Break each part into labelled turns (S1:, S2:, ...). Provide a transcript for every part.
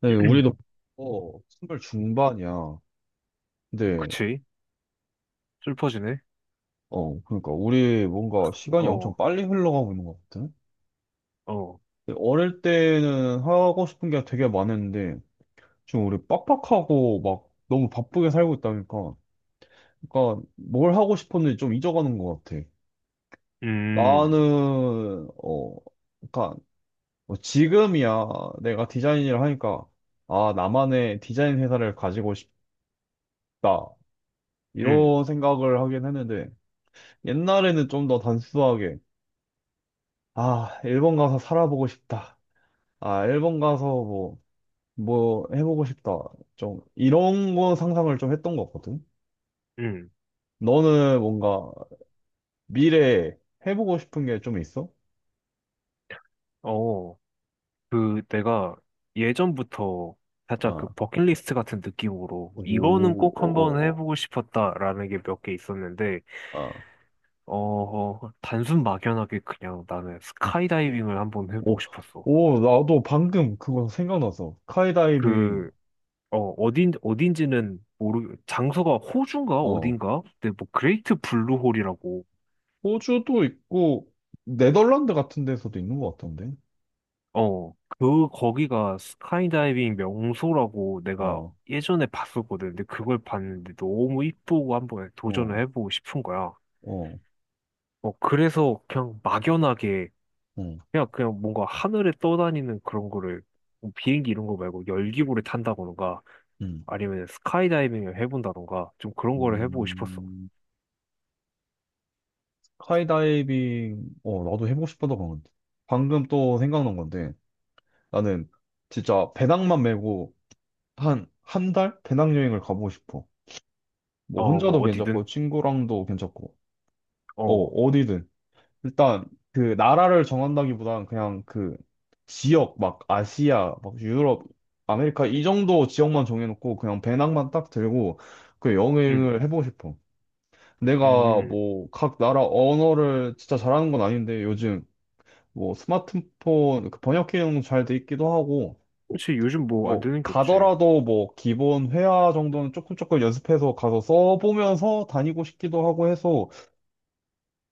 S1: 네, 우리도 선발 중반이야. 근데
S2: 그치? 슬퍼지네?
S1: 그러니까 우리 뭔가 시간이 엄청
S2: 어,
S1: 빨리 흘러가고 있는 것 같아.
S2: 어,
S1: 근데 어릴 때는 하고 싶은 게 되게 많았는데 지금 우리 빡빡하고 막 너무 바쁘게 살고 있다니까. 그러니까 뭘 하고 싶었는지 좀 잊어가는 것 같아.
S2: 음,
S1: 나는 그러니까 뭐 지금이야 내가 디자인 일을 하니까 아 나만의 디자인 회사를 가지고 싶다
S2: 음,
S1: 이런 생각을 하긴 했는데. 옛날에는 좀 더 단순하게, 아, 일본 가서 살아보고 싶다. 아, 일본 가서 뭐, 뭐 해보고 싶다. 좀, 이런 거 상상을 좀 했던 거거든?
S2: 음,
S1: 너는 뭔가 미래에 해보고 싶은 게 좀 있어?
S2: 어, 내가 예전부터 살짝 그
S1: 아,
S2: 버킷리스트 같은 느낌으로 이거는
S1: 오,
S2: 꼭 한번
S1: 어,
S2: 해보고 싶었다라는 게 몇 개 있었는데,
S1: 어, 어, 아,
S2: 단순 막연하게 그냥 나는 스카이다이빙을 한번 해보고
S1: 오,
S2: 싶었어.
S1: 오, 나도 방금 그거 생각나서. 스카이다이빙,
S2: 그, 장소가 호주인가?
S1: 어,
S2: 어딘가? 근데 뭐, 그레이트 블루홀이라고
S1: 호주도 있고, 네덜란드 같은 데서도 있는 것 같던데?
S2: 거기가 스카이다이빙 명소라고 내가
S1: 어,
S2: 예전에 봤었거든. 근데 그걸 봤는데 너무 이쁘고 한번 도전을
S1: 어,
S2: 해보고 싶은 거야.
S1: 어,
S2: 어, 그래서 그냥 막연하게,
S1: 응.
S2: 그냥 뭔가 하늘에 떠다니는 그런 거를, 뭐 비행기 이런 거 말고 열기구를 탄다던가,
S1: 음.
S2: 아니면 스카이다이빙을 해본다던가, 좀 그런 거를 해보고 싶었어.
S1: 음. 스카이다이빙, 나도 해보고 싶었던 건 방금 또 생각난 건데, 나는 진짜 배낭만 메고 한 달? 배낭여행을 가보고 싶어. 뭐,
S2: 어, 뭐,
S1: 혼자도
S2: 어디든.
S1: 괜찮고, 친구랑도 괜찮고, 어,
S2: 어,
S1: 어디든. 일단, 그, 나라를 정한다기보단 그냥 그, 지역, 막, 아시아, 막, 유럽, 아메리카, 이 정도 지역만 정해놓고, 그냥 배낭만 딱 들고, 그
S2: 응,
S1: 여행을 해보고 싶어.
S2: 음,
S1: 내가
S2: 음.
S1: 뭐, 각 나라 언어를 진짜 잘하는 건 아닌데, 요즘, 뭐 스마트폰 그 번역 기능 잘 돼 있기도 하고
S2: 그치, 요즘 뭐 안
S1: 뭐
S2: 되는 게 없지.
S1: 가더라도 뭐 기본 회화 정도는 조금 연습해서 가서 써보면서 다니고 싶기도 하고 해서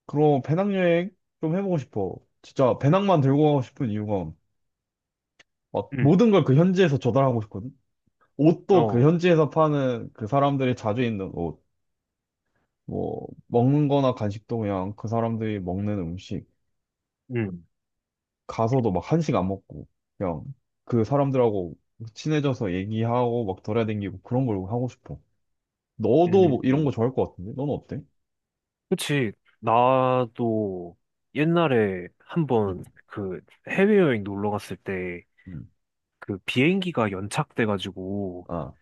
S1: 그런 배낭여행 좀 해보고 싶어. 진짜 배낭만 들고 가고 싶은 이유가 막
S2: 음,
S1: 모든 걸 그 현지에서 조달하고 싶거든. 옷도 그
S2: 어,
S1: 현지에서 파는 그 사람들이 자주 입는 옷, 뭐 먹는 거나 간식도 그냥 그 사람들이 먹는 음식.
S2: 음,
S1: 가서도 막 한식 안 먹고 그냥 그 사람들하고 친해져서 얘기하고 막 돌아다니고 그런 걸 하고 싶어. 너도 뭐 이런 거
S2: 음.
S1: 좋아할 것 같은데? 너는 어때?
S2: 그치. 나도 옛날에 한번
S1: 응,
S2: 해외여행 놀러 갔을 때
S1: 응,
S2: 그 비행기가 연착돼가지고
S1: 아,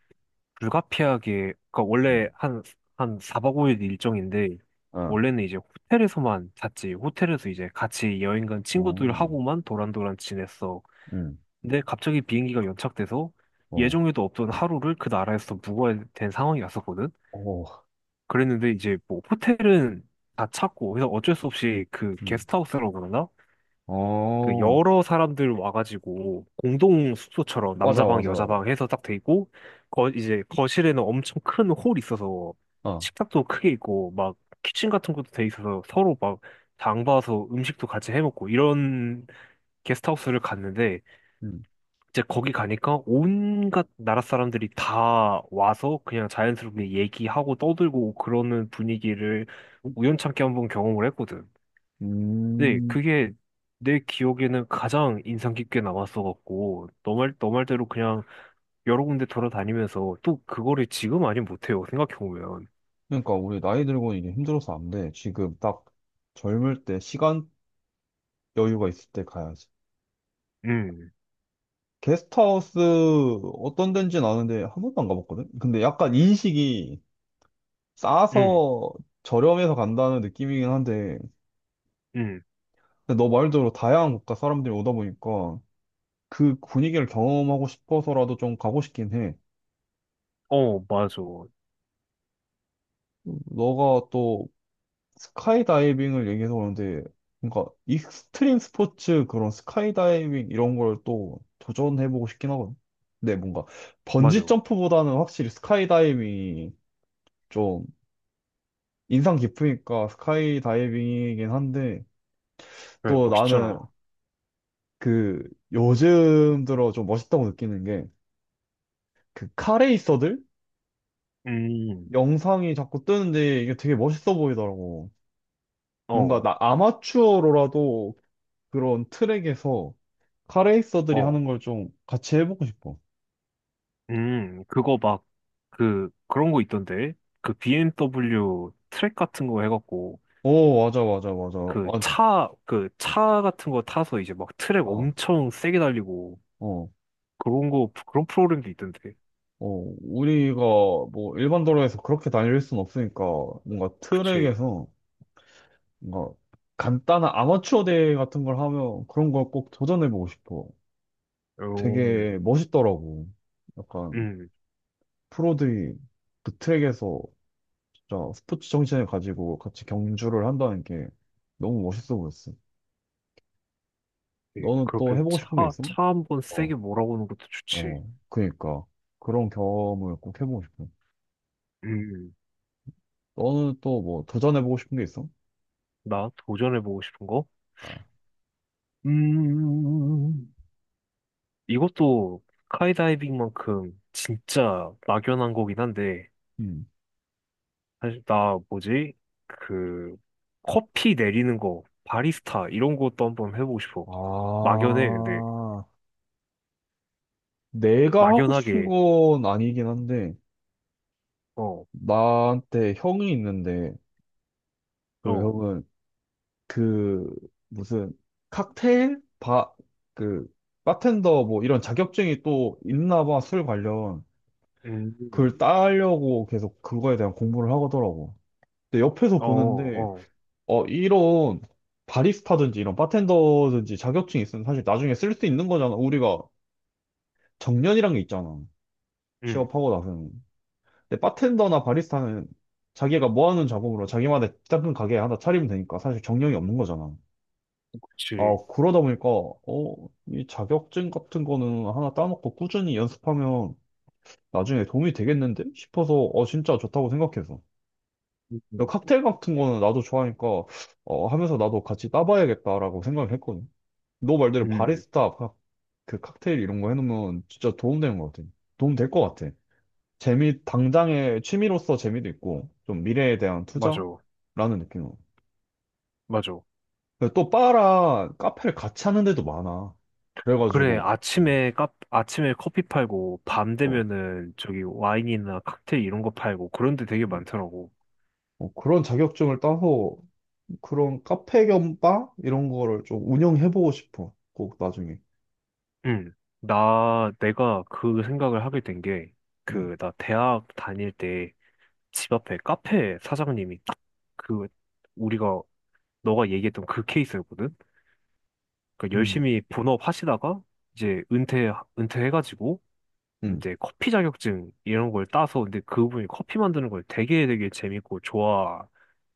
S2: 불가피하게, 그니까 원래
S1: 응,
S2: 한 4박 5일 일정인데
S1: 아,
S2: 원래는 이제 호텔에서만 잤지. 호텔에서 이제 같이 여행 간
S1: 어,
S2: 친구들하고만 도란도란 지냈어.
S1: 응,
S2: 근데 갑자기 비행기가 연착돼서
S1: 어,
S2: 예정에도 없던 하루를 그 나라에서 묵어야 된 상황이 왔었거든.
S1: 어,
S2: 그랬는데 이제 뭐 호텔은 다 찾고 그래서 어쩔 수 없이 그 게스트하우스라고 그러나?
S1: 응,
S2: 그
S1: 어,
S2: 여러 사람들 와가지고 공동 숙소처럼
S1: 맞아,
S2: 남자 방
S1: 맞아,
S2: 여자 방 해서 딱 돼 있고 거 이제 거실에는 엄청 큰 홀이 있어서
S1: 아,
S2: 식탁도 크게 있고 막 키친 같은 것도 돼 있어서 서로 막 장 봐서 음식도 같이 해 먹고 이런 게스트하우스를 갔는데
S1: 응,
S2: 이제 거기 가니까 온갖 나라 사람들이 다 와서 그냥 자연스럽게 얘기하고 떠들고 그러는 분위기를 우연찮게 한번 경험을 했거든. 근데
S1: 음,
S2: 그게 내 기억에는 가장 인상 깊게 남았어갖고, 너 말대로 그냥 여러 군데 돌아다니면서 또 그거를 지금 아니 못해요. 생각해보면.
S1: 그러니까 우리 나이 들고는 이게 힘들어서 안 돼. 지금 딱 젊을 때 시간 여유가 있을 때 가야지.
S2: 음,
S1: 게스트하우스 어떤 데인지는 아는데 한 번도 안 가봤거든? 근데 약간 인식이
S2: 음,
S1: 싸서 저렴해서 간다는 느낌이긴 한데,
S2: 음.
S1: 근데 너 말대로 다양한 국가 사람들이 오다 보니까 그 분위기를 경험하고 싶어서라도 좀 가고 싶긴 해.
S2: 어, 맞아.
S1: 너가 또 스카이다이빙을 얘기해서 그런데, 그러니까 익스트림 스포츠 그런 스카이다이빙 이런 걸 또 도전해보고 싶긴 하거든. 근데 뭔가 번지
S2: 맞아.
S1: 점프보다는 확실히 스카이다이빙이 좀 인상 깊으니까 스카이 다이빙이긴 한데
S2: 그래,
S1: 또 나는
S2: 멋있잖아.
S1: 그 요즘 들어 좀 멋있다고 느끼는 게 그 카레이서들
S2: 음,
S1: 영상이 자꾸 뜨는데 이게 되게 멋있어 보이더라고. 뭔가
S2: 어,
S1: 나 아마추어로라도 그런 트랙에서 카레이서들이
S2: 어.
S1: 하는 걸 좀 같이 해보고 싶어.
S2: 음, 그거 막, 그런 거 있던데? 그 BMW 트랙 같은 거 해갖고,
S1: 오, 맞아, 맞아, 맞아. 아,
S2: 그 차 같은 거 타서 이제 막 트랙
S1: 어,
S2: 엄청 세게 달리고,
S1: 어.
S2: 그런 프로그램도 있던데.
S1: 어, 우리가 뭐 일반 도로에서 그렇게 달릴 순 없으니까 뭔가
S2: 그치.
S1: 트랙에서 뭔가 간단한 아마추어 대회 같은 걸 하면 그런 걸 꼭 도전해보고 싶어.
S2: 어,
S1: 되게 멋있더라고. 약간
S2: 음,
S1: 프로들이 그 트랙에서 진짜 스포츠 정신을 가지고 같이 경주를 한다는 게 너무 멋있어 보였어.
S2: 예,
S1: 너는 또 해보고 싶은 게 있어?
S2: 차 한번
S1: 어,
S2: 세게 몰아보는 것도 좋지.
S1: 어, 그니까. 그런 경험을 꼭 해보고 싶어.
S2: 음,
S1: 너는 또 뭐 도전해보고 싶은 게 있어?
S2: 나 도전해보고 싶은 거?
S1: 아,
S2: 음, 이것도 스카이다이빙만큼 진짜 막연한 거긴 한데,
S1: 음.
S2: 사실 나 뭐지? 그 커피 내리는 거, 바리스타 이런 것도 한번 해보고 싶어. 막연해, 근데
S1: 아, 내가 하고 싶은
S2: 막연하게
S1: 건 아니긴 한데,
S2: 어,
S1: 나한테 형이 있는데 그
S2: 어,
S1: 형은 그 무슨 칵테일 바 그 바텐더 뭐 이런 자격증이 또 있나 봐 술 관련
S2: 음,
S1: 그걸 따려고 계속 그거에 대한 공부를 하더라고. 근데 옆에서
S2: 어,
S1: 보는데
S2: 어,
S1: 이런 바리스타든지 이런 바텐더든지 자격증이 있으면 사실 나중에 쓸 수 있는 거잖아. 우리가 정년이란 게 있잖아.
S2: 음,
S1: 취업하고 나서는. 근데 바텐더나 바리스타는 자기가 뭐 하는 작업으로 자기만의 작은 가게 하나 차리면 되니까 사실 정령이 없는 거잖아. 아,
S2: 그치,
S1: 그러다 보니까, 이 자격증 같은 거는 하나 따놓고 꾸준히 연습하면 나중에 도움이 되겠는데? 싶어서, 진짜 좋다고 생각해서.
S2: 음,
S1: 그리고
S2: 음,
S1: 칵테일 같은 거는 나도 좋아하니까, 하면서 나도 같이 따봐야겠다라고 생각을 했거든. 너 말대로
S2: 음,
S1: 바리스타, 칵- 그 칵테일 이런 거 해놓으면 진짜 도움 되는 것 같아. 도움 될 것 같아. 재미, 당장의 취미로서 재미도 있고, 좀 미래에 대한
S2: 맞아,
S1: 투자라는 느낌으로.
S2: 맞아.
S1: 근데 또 바랑 카페를 같이 하는 데도 많아.
S2: 그래,
S1: 그래가지고,
S2: 아침에 커피 팔고 밤
S1: 어,
S2: 되면은 저기 와인이나 칵테일 이런 거 팔고 그런 데 되게
S1: 음,
S2: 많더라고.
S1: 그런 자격증을 따서 그런 카페 겸 바? 이런 거를 좀 운영해보고 싶어. 꼭 나중에.
S2: 응. 나 내가 그 생각을 하게 된 게
S1: 음,
S2: 그 나 대학 다닐 때 집 앞에 카페 사장님이 딱 그 우리가 너가 얘기했던 그 케이스였거든. 그러니까
S1: 음.
S2: 열심히 본업 하시다가 이제 은퇴해가지고
S1: 음,
S2: 이제 커피 자격증 이런 걸 따서 근데 그분이 커피 만드는 걸 되게 되게 재밌고 좋아라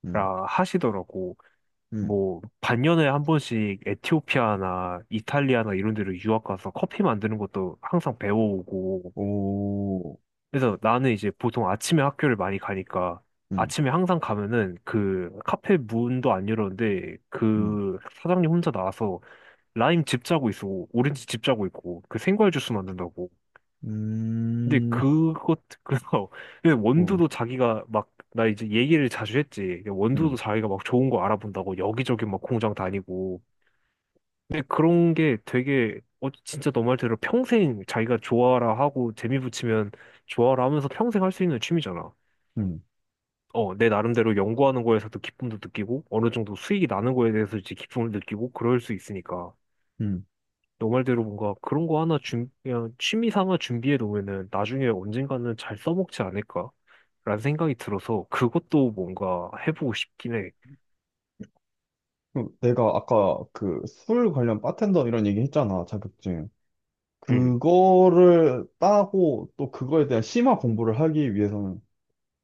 S1: 음,
S2: 하시더라고.
S1: 음.
S2: 뭐 반년에 한 번씩 에티오피아나 이탈리아나 이런 데로 유학 가서 커피 만드는 것도 항상 배워오고
S1: 오,
S2: 그래서 나는 이제 보통 아침에 학교를 많이 가니까
S1: 음,
S2: 아침에 항상 가면은 그 카페 문도 안 열었는데
S1: 음,
S2: 그 사장님 혼자 나와서 라임 즙 짜고 있어. 오렌지 즙 짜고 있고 그 생과일 주스 만든다고. 근데
S1: 음,
S2: 그것 그래서 근데
S1: 어,
S2: 원두도 자기가 막 나 이제 얘기를 자주 했지. 근데 원두도
S1: 음,
S2: 자기가 막 좋은 거 알아본다고 여기저기 막 공장 다니고. 근데 그런 게 되게 어 진짜 너 말대로 평생 자기가 좋아라 하고 재미 붙이면 좋아라 하면서 평생 할 수 있는 취미잖아.
S1: 음,
S2: 어, 내 나름대로 연구하는 거에서도 기쁨도 느끼고, 어느 정도 수익이 나는 거에 대해서 이제 기쁨을 느끼고, 그럴 수 있으니까.
S1: 음.
S2: 너 말대로 뭔가 그런 거 하나 준, 그냥 취미 삼아 준비해 놓으면은 나중에 언젠가는 잘 써먹지 않을까? 라는 생각이 들어서 그것도 뭔가 해보고 싶긴 해.
S1: 그럼 내가 아까 그 술 관련 바텐더 이런 얘기 했잖아, 자격증.
S2: 응,
S1: 그거를 따고 또 그거에 대한 심화 공부를 하기 위해서는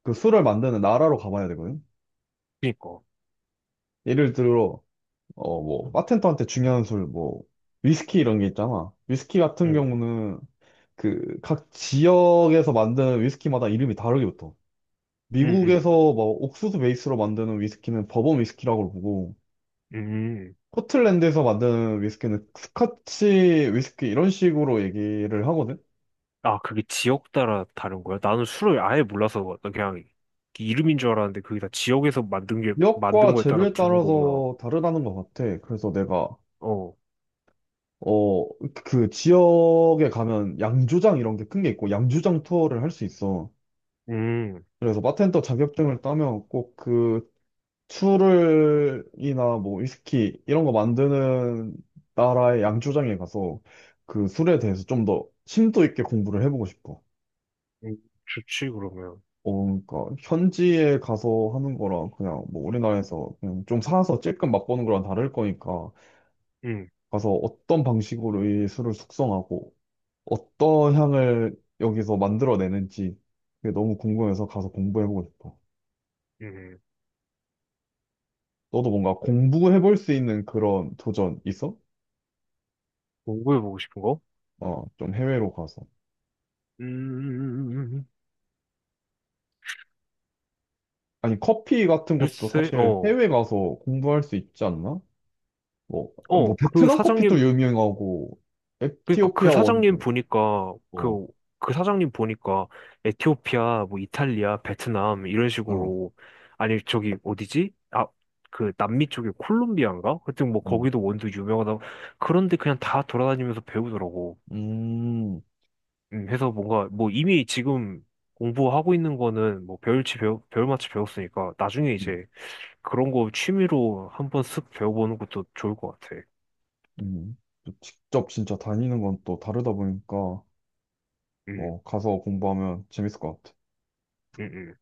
S1: 그 술을 만드는 나라로 가봐야 되거든.
S2: 그니까.
S1: 예를 들어, 어, 뭐, 바텐더한테 중요한 술, 뭐, 위스키 이런 게 있잖아. 위스키 같은
S2: 응,
S1: 경우는 그 각 지역에서 만드는 위스키마다 이름이 다르게 붙어.
S2: 응, 응,
S1: 미국에서 뭐 옥수수 베이스로 만드는 위스키는 버번 위스키라고 부르고,
S2: 응.
S1: 스코틀랜드에서 만드는 위스키는 스카치 위스키 이런 식으로 얘기를 하거든.
S2: 아, 그게 지역 따라 다른 거야? 나는 술을 아예 몰라서 그냥 이름인 줄 알았는데 그게 다
S1: 지역과
S2: 만든 거에 따라
S1: 재료에
S2: 붙는 거구나.
S1: 따라서 다르다는 것 같아. 그래서 내가,
S2: 어,
S1: 어, 그 지역에 가면 양조장 이런 게 큰 게 있고, 양조장 투어를 할 수 있어.
S2: 음.
S1: 그래서 바텐더 자격증을 따면 꼭 그 술을이나 뭐 위스키 이런 거 만드는 나라의 양조장에 가서 그 술에 대해서 좀 더 심도 있게 공부를 해보고 싶어.
S2: 음, 좋지, 그러면.
S1: 어, 그러니까 현지에 가서 하는 거랑 그냥 뭐 우리나라에서 그냥 좀 사서 찔끔 맛보는 거랑 다를 거니까
S2: 응,
S1: 가서 어떤 방식으로 이 술을 숙성하고 어떤 향을 여기서 만들어내는지 그게 너무 궁금해서 가서 공부해보고 싶어.
S2: 응.
S1: 너도 뭔가 공부해볼 수 있는 그런 도전 있어?
S2: 공부해보고 싶은 거?
S1: 어, 좀 해외로 가서.
S2: 음,
S1: 아니, 커피 같은 것도
S2: 글쎄,
S1: 사실
S2: 어.
S1: 해외 가서 공부할 수 있지 않나? 뭐, 뭐
S2: 어, 그
S1: 베트남 커피도
S2: 사장님,
S1: 유명하고
S2: 그니까 그
S1: 에티오피아
S2: 사장님
S1: 원두.
S2: 보니까,
S1: 어,
S2: 그 사장님 보니까, 에티오피아, 뭐, 이탈리아, 베트남, 이런
S1: 어,
S2: 식으로, 아니, 저기, 어디지? 아, 그, 남미 쪽에 콜롬비아인가? 하여튼 뭐,
S1: 음,
S2: 거기도 원두 유명하다. 그런데 그냥 다 돌아다니면서 배우더라고.
S1: 음,
S2: 해서 뭔가, 뭐, 이미 지금 공부하고 있는 거는, 뭐, 배울 만치 배웠으니까, 나중에
S1: 음.
S2: 이제, 그런 거 취미로 한번 쓱 배워보는 것도 좋을 것 같아.
S1: 음. 직접 진짜 다니는 건 또 다르다 보니까
S2: 음,
S1: 어, 가서 공부하면 재밌을 것 같아.
S2: 음, 음.